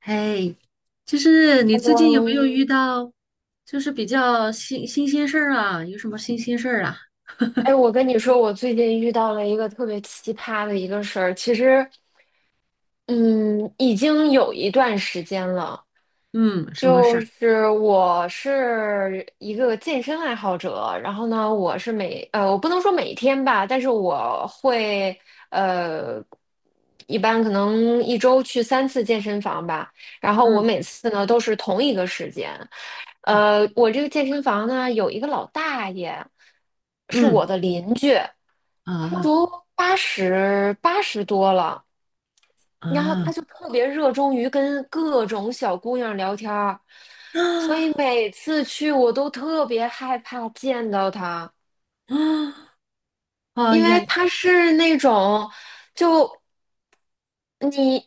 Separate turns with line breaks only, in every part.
嘿，就是你最近有没有
嗯，
遇到，就是比较新鲜事儿啊？有什么新鲜事儿啊？
哎，我跟你说，我最近遇到了一个特别奇葩的一个事儿。其实，嗯，已经有一段时间了。
嗯，什么事
就
儿？
是我是一个健身爱好者，然后呢，我是我不能说每天吧，但是我会呃，一般可能一周去三次健身房吧，然后我
嗯
每次呢都是同一个时间，
嗯
我这个健身房呢有一个老大爷，是
嗯
我的邻居，他
啊
都八十多了。然后
啊
他就特别热衷于跟各种小姑娘聊天儿，所以
啊
每次去我都特别害怕见到他，
啊！哎
因
呀，
为他是那种就。你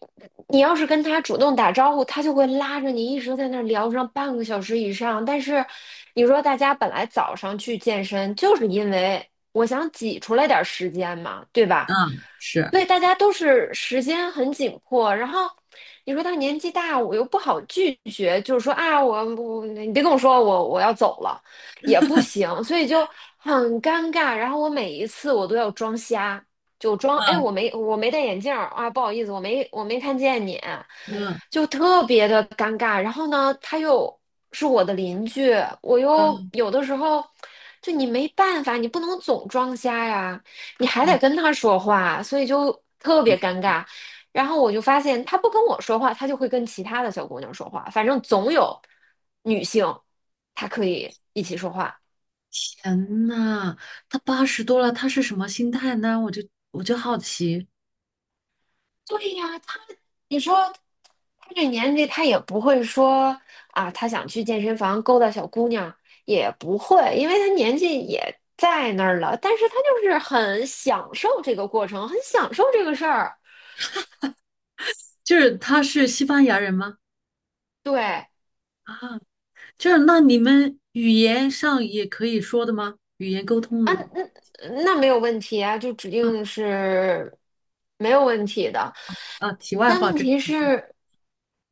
你要是跟他主动打招呼，他就会拉着你一直在那儿聊上半个小时以上。但是你说大家本来早上去健身，就是因为我想挤出来点儿时间嘛，对
啊
吧？
是，
所以大家都是时间很紧迫。然后你说他年纪大，我又不好拒绝，就是说啊，我你别跟我说我要走了，也不行，所以就很尴尬。然后我每一次我都要装瞎。就装，哎，
啊
我没戴眼镜儿啊，不好意思，我没看见你，
嗯
就特别的尴尬。然后呢，他又是我的邻居，我
啊，
又有的时候就你没办法，你不能总装瞎呀，你还得
对，
跟他说话，所以就特别尴尬。然后我就发现他不跟我说话，他就会跟其他的小姑娘说话，反正总有女性，她可以一起说话。
天呐，他八十多了，他是什么心态呢？我就好奇，
对呀，他，你说他这年纪，他也不会说啊，他想去健身房勾搭小姑娘，也不会，因为他年纪也在那儿了。但是他就是很享受这个过程，很享受这个事儿。
就是他是西班牙人吗？
对，
啊，就是那你们语言上也可以说的吗？语言沟通的
那没有问题啊，就指定是没有问题的。
啊，题外
但
话，
问
这个
题
就是
是，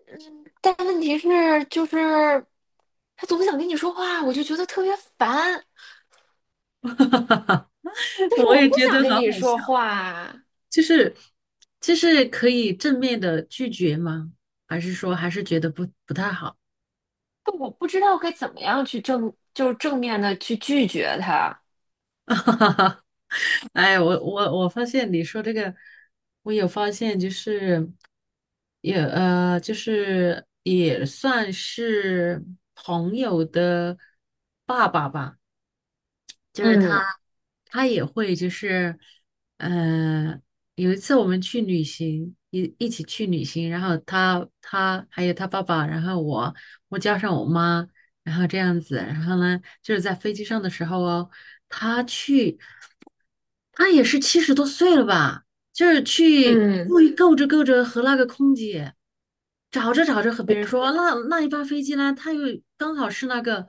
嗯，但问题是，就是他总想跟你说话，我就觉得特别烦。但是
我
我
也
不
觉
想
得好
跟
好
你说
笑，
话。
就是就是可以正面的拒绝吗？还是说还是觉得不太好？
但我不知道该怎么样去正，就是正面的去拒绝他。
哎，我发现你说这个，我有发现，就是也就是也算是朋友的爸爸吧。就是他，
嗯
他也会就是，呃，有一次我们去旅行，一起去旅行，然后他还有他爸爸，然后我加上我妈，然后这样子，然后呢，就是在飞机上的时候哦，他去，他也是七十多岁了吧？就是去
嗯，
故意够着够着和那个空姐，找着找着和别
眉
人说，那一班飞机呢，它又刚好是那个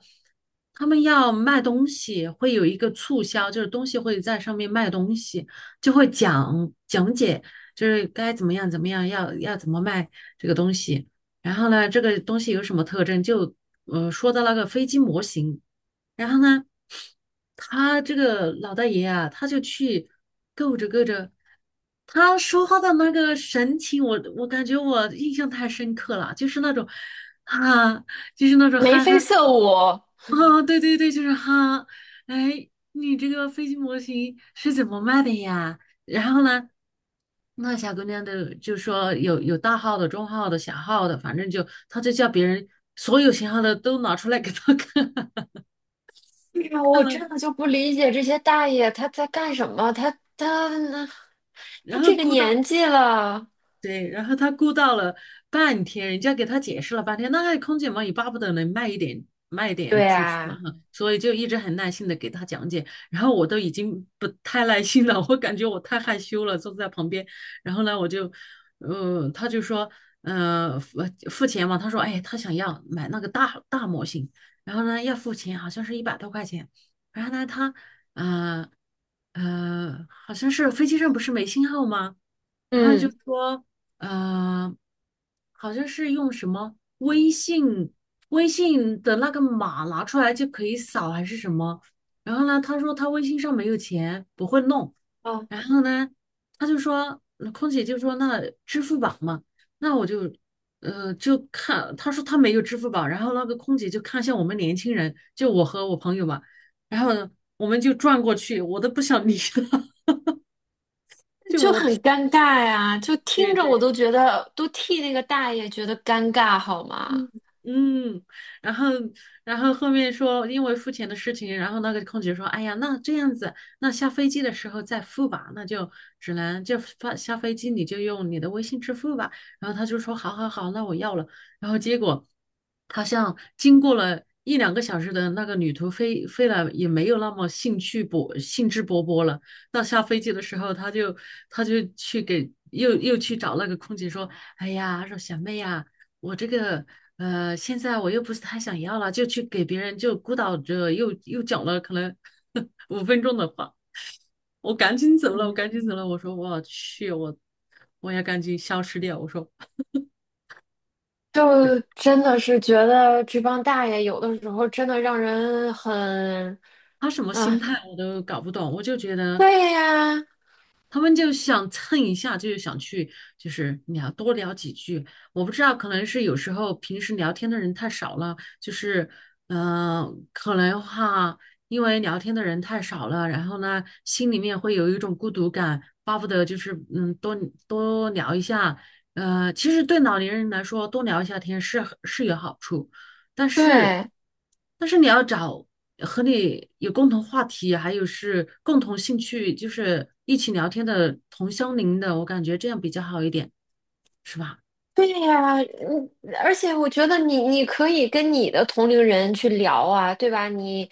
他们要卖东西，会有一个促销，就是东西会在上面卖东西，就会讲解，就是该怎么样怎么样，要怎么卖这个东西，然后呢，这个东西有什么特征，就说到那个飞机模型。然后呢，他这个老大爷啊，他就去够着够着，他说话的那个神情，我感觉我印象太深刻了，就是那种啊，就是那种
眉
憨
飞
憨的。
色舞。
啊，对对对，就是哈，哎，你这个飞机模型是怎么卖的呀？然后呢，那小姑娘的就说有大号的、中号的、小号的，反正就她就叫别人所有型号的都拿出来给她看，
哎呀，
看
我
了。
真的就不理解这些大爷他在干什么？他他
然后
这个
估到，
年纪了，
对，然后他估到了半天，人家给他解释了半天，那空姐嘛也巴不得能卖一点卖一点
对
出去嘛
啊，
哈，所以就一直很耐心的给他讲解，然后我都已经不太耐心了，我感觉我太害羞了，坐在旁边，然后呢我就，他就说，呃，付付钱嘛，他说，哎，他想要买那个大模型，然后呢要付钱，好像是一百多块钱，然后呢他，呃好像是飞机上不是没信号吗？然后就
嗯，
说，呃，好像是用什么微信的那个码拿出来就可以扫还是什么。然后呢，他说他微信上没有钱，不会弄。
哦，
然后呢，他就说，那空姐就说那支付宝嘛，那我就就看，他说他没有支付宝。然后那个空姐就看向我们年轻人，就我和我朋友嘛。然后呢，我们就转过去，我都不想理他，就
就
我
很尴尬呀，就
对
听着我
对。
都觉得都替那个大爷觉得尴尬，好吗？
嗯嗯，然后然后后面说因为付钱的事情，然后那个空姐说，哎呀，那这样子，那下飞机的时候再付吧，那就只能就发下飞机你就用你的微信支付吧。然后他就说，好好好，那我要了。然后结果好像经过了一两个小时的那个旅途飞了，也没有那么兴致勃勃了。到下飞机的时候，他就去给又去找那个空姐说，哎呀，说小妹呀。我这个现在我又不是太想要了，就去给别人就孤岛着，又讲了可能 五分钟的话，我赶紧走了，我
嗯，
赶紧走了。我说我去，我要赶紧消失掉。我说，对，
就真的是觉得这帮大爷有的时候真的让人很。
他什么心
啊，
态我都搞不懂，我就觉得。
对呀，
他们就想蹭一下，就是想去，就是聊多聊几句。我不知道，可能是有时候平时聊天的人太少了，就是，嗯、可能哈，因为聊天的人太少了，然后呢，心里面会有一种孤独感，巴不得就是，嗯，多多聊一下。其实对老年人来说，多聊一下天是有好处。但是，
对
但是你要找和你有共同话题，还有是共同兴趣，就是一起聊天的同乡邻的，我感觉这样比较好一点，是吧？
对呀，嗯，而且我觉得你可以跟你的同龄人去聊啊，对吧？你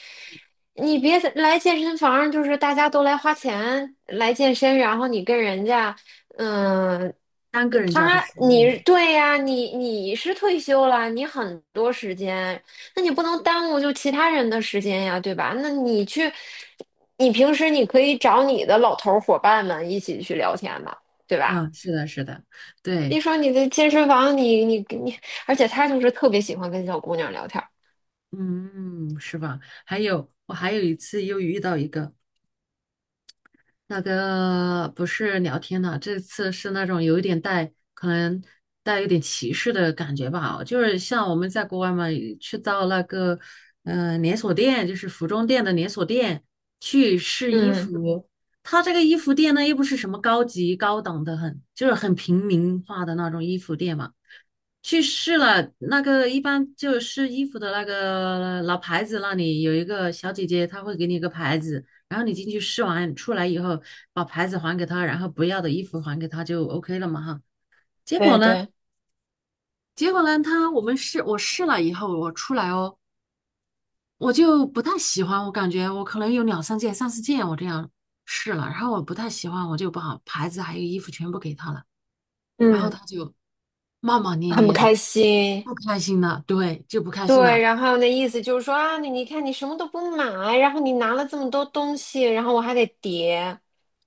你别来健身房，就是大家都来花钱来健身，然后你跟人家，嗯，
单个人交的
他
时
你
间
对呀，你是退休了，你很多时间，那你不能耽误就其他人的时间呀，对吧？那你去，你平时你可以找你的老头儿伙伴们一起去聊天嘛，对吧？
啊，是的，是的，
一
对，
说你的健身房，你，而且他就是特别喜欢跟小姑娘聊天儿。
嗯，是吧？还有，我还有一次又遇到一个。那个不是聊天的，这次是那种有一点带，可能带有点歧视的感觉吧。就是像我们在国外嘛，去到那个连锁店，就是服装店的连锁店去试衣
嗯，
服，他这个衣服店呢又不是什么高级高档的很，就是很平民化的那种衣服店嘛。去试了，那个一般就试衣服的那个老牌子那里有一个小姐姐，她会给你一个牌子，然后你进去试完出来以后，把牌子还给她，然后不要的衣服还给她就 OK 了嘛哈。结果
对
呢，
对，
结果呢，她我们试我试了以后，我出来哦，我就不太喜欢，我感觉我可能有两三件、三四件我这样试了，然后我不太喜欢，我就把牌子还有衣服全部给她了，然后
嗯，
她就骂骂咧
很不
咧的，
开心。
不开心了，对，就不开心
对，
了。
然后那意思就是说啊，你看你什么都不买，然后你拿了这么多东西，然后我还得叠。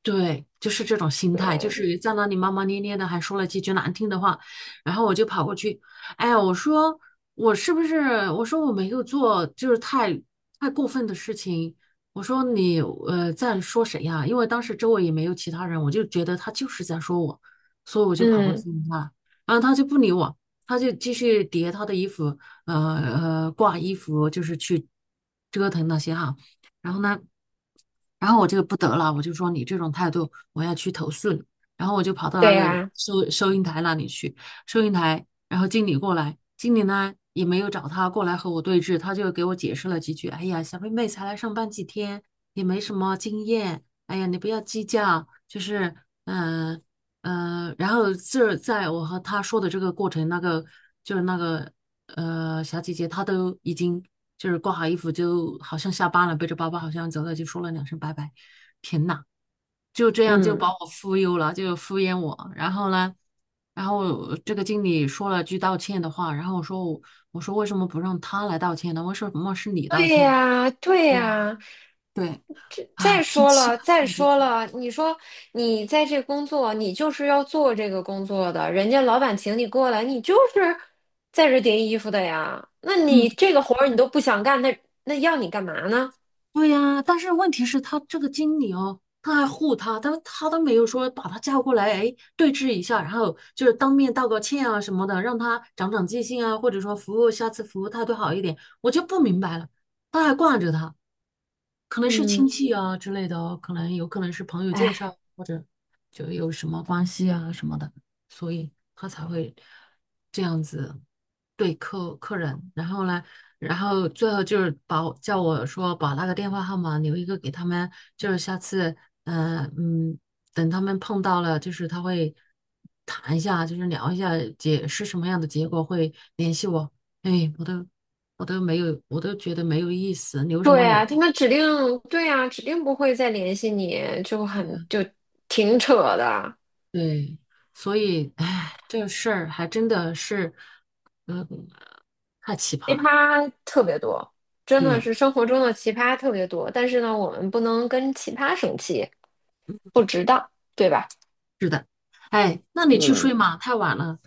对，就是这种心态，就
对，
是在那里骂骂咧咧的，还说了几句难听的话，然后我就跑过去，哎呀，我说我是不是？我说我没有做，就是太过分的事情。我说你在说谁呀？因为当时周围也没有其他人，我就觉得他就是在说我，所以我就跑过
嗯，
去问他，然后他就不理我，他就继续叠他的衣服，呃挂衣服，就是去折腾那些哈。然后呢，然后我就不得了，我就说你这种态度，我要去投诉你。然后我就跑到
对
那个
呀、
收银台那里去，收银台，然后经理过来，经理呢也没有找他过来和我对峙，他就给我解释了几句。哎呀，小妹妹才来上班几天，也没什么经验，哎呀，你不要计较，就是嗯、呃然后这在我和他说的这个过程，那个就是那个小姐姐，她都已经就是挂好衣服，就好像下班了，背着包包好像走了，就说了两声拜拜。天呐，就这样就
嗯。
把我忽悠了，就敷衍我。然后呢，然后这个经理说了句道歉的话，然后我说我说为什么不让他来道歉呢？为什么是你道
对
歉？
呀，对
对呀，
呀，
对，
这再
哎，脾
说
气
了，
吧，
再
感觉，
说了，你说你在这工作，你就是要做这个工作的，人家老板请你过来，你就是在这叠衣服的呀。那
嗯。
你这个活儿你都不想干，那要你干嘛呢？
对呀，但是问题是，他这个经理哦，他还护他，但是他都没有说把他叫过来，哎，对峙一下，然后就是当面道个歉啊什么的，让他长长记性啊，或者说服务下次服务态度好一点，我就不明白了，他还惯着他，可能是亲
嗯，
戚啊之类的哦，可能有可能是朋友介
哎，
绍，或者就有什么关系啊什么的，所以他才会这样子对客人。然后呢，然后最后就是把我叫我说把那个电话号码留一个给他们，就是下次，嗯、呃嗯，等他们碰到了，就是他会谈一下，就是聊一下解是什么样的结果，会联系我。哎，我都没有，我都觉得没有意思，留什
对
么留？
呀，他们指定，对呀，指定不会再联系你，就挺扯的。
对，所以，哎，这事儿还真的是，嗯，太奇葩
奇
了。
葩特别多，真
对，
的是生活中的奇葩特别多。但是呢，我们不能跟奇葩生气，不值当，对吧？
是的。哎，那你去
嗯，
睡嘛，太晚了，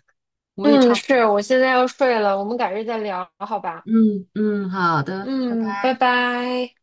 我也
嗯，
差不多。
是，我现在要睡了，我们改日再聊，好吧？
嗯嗯，好的，拜
嗯，拜
拜。
拜。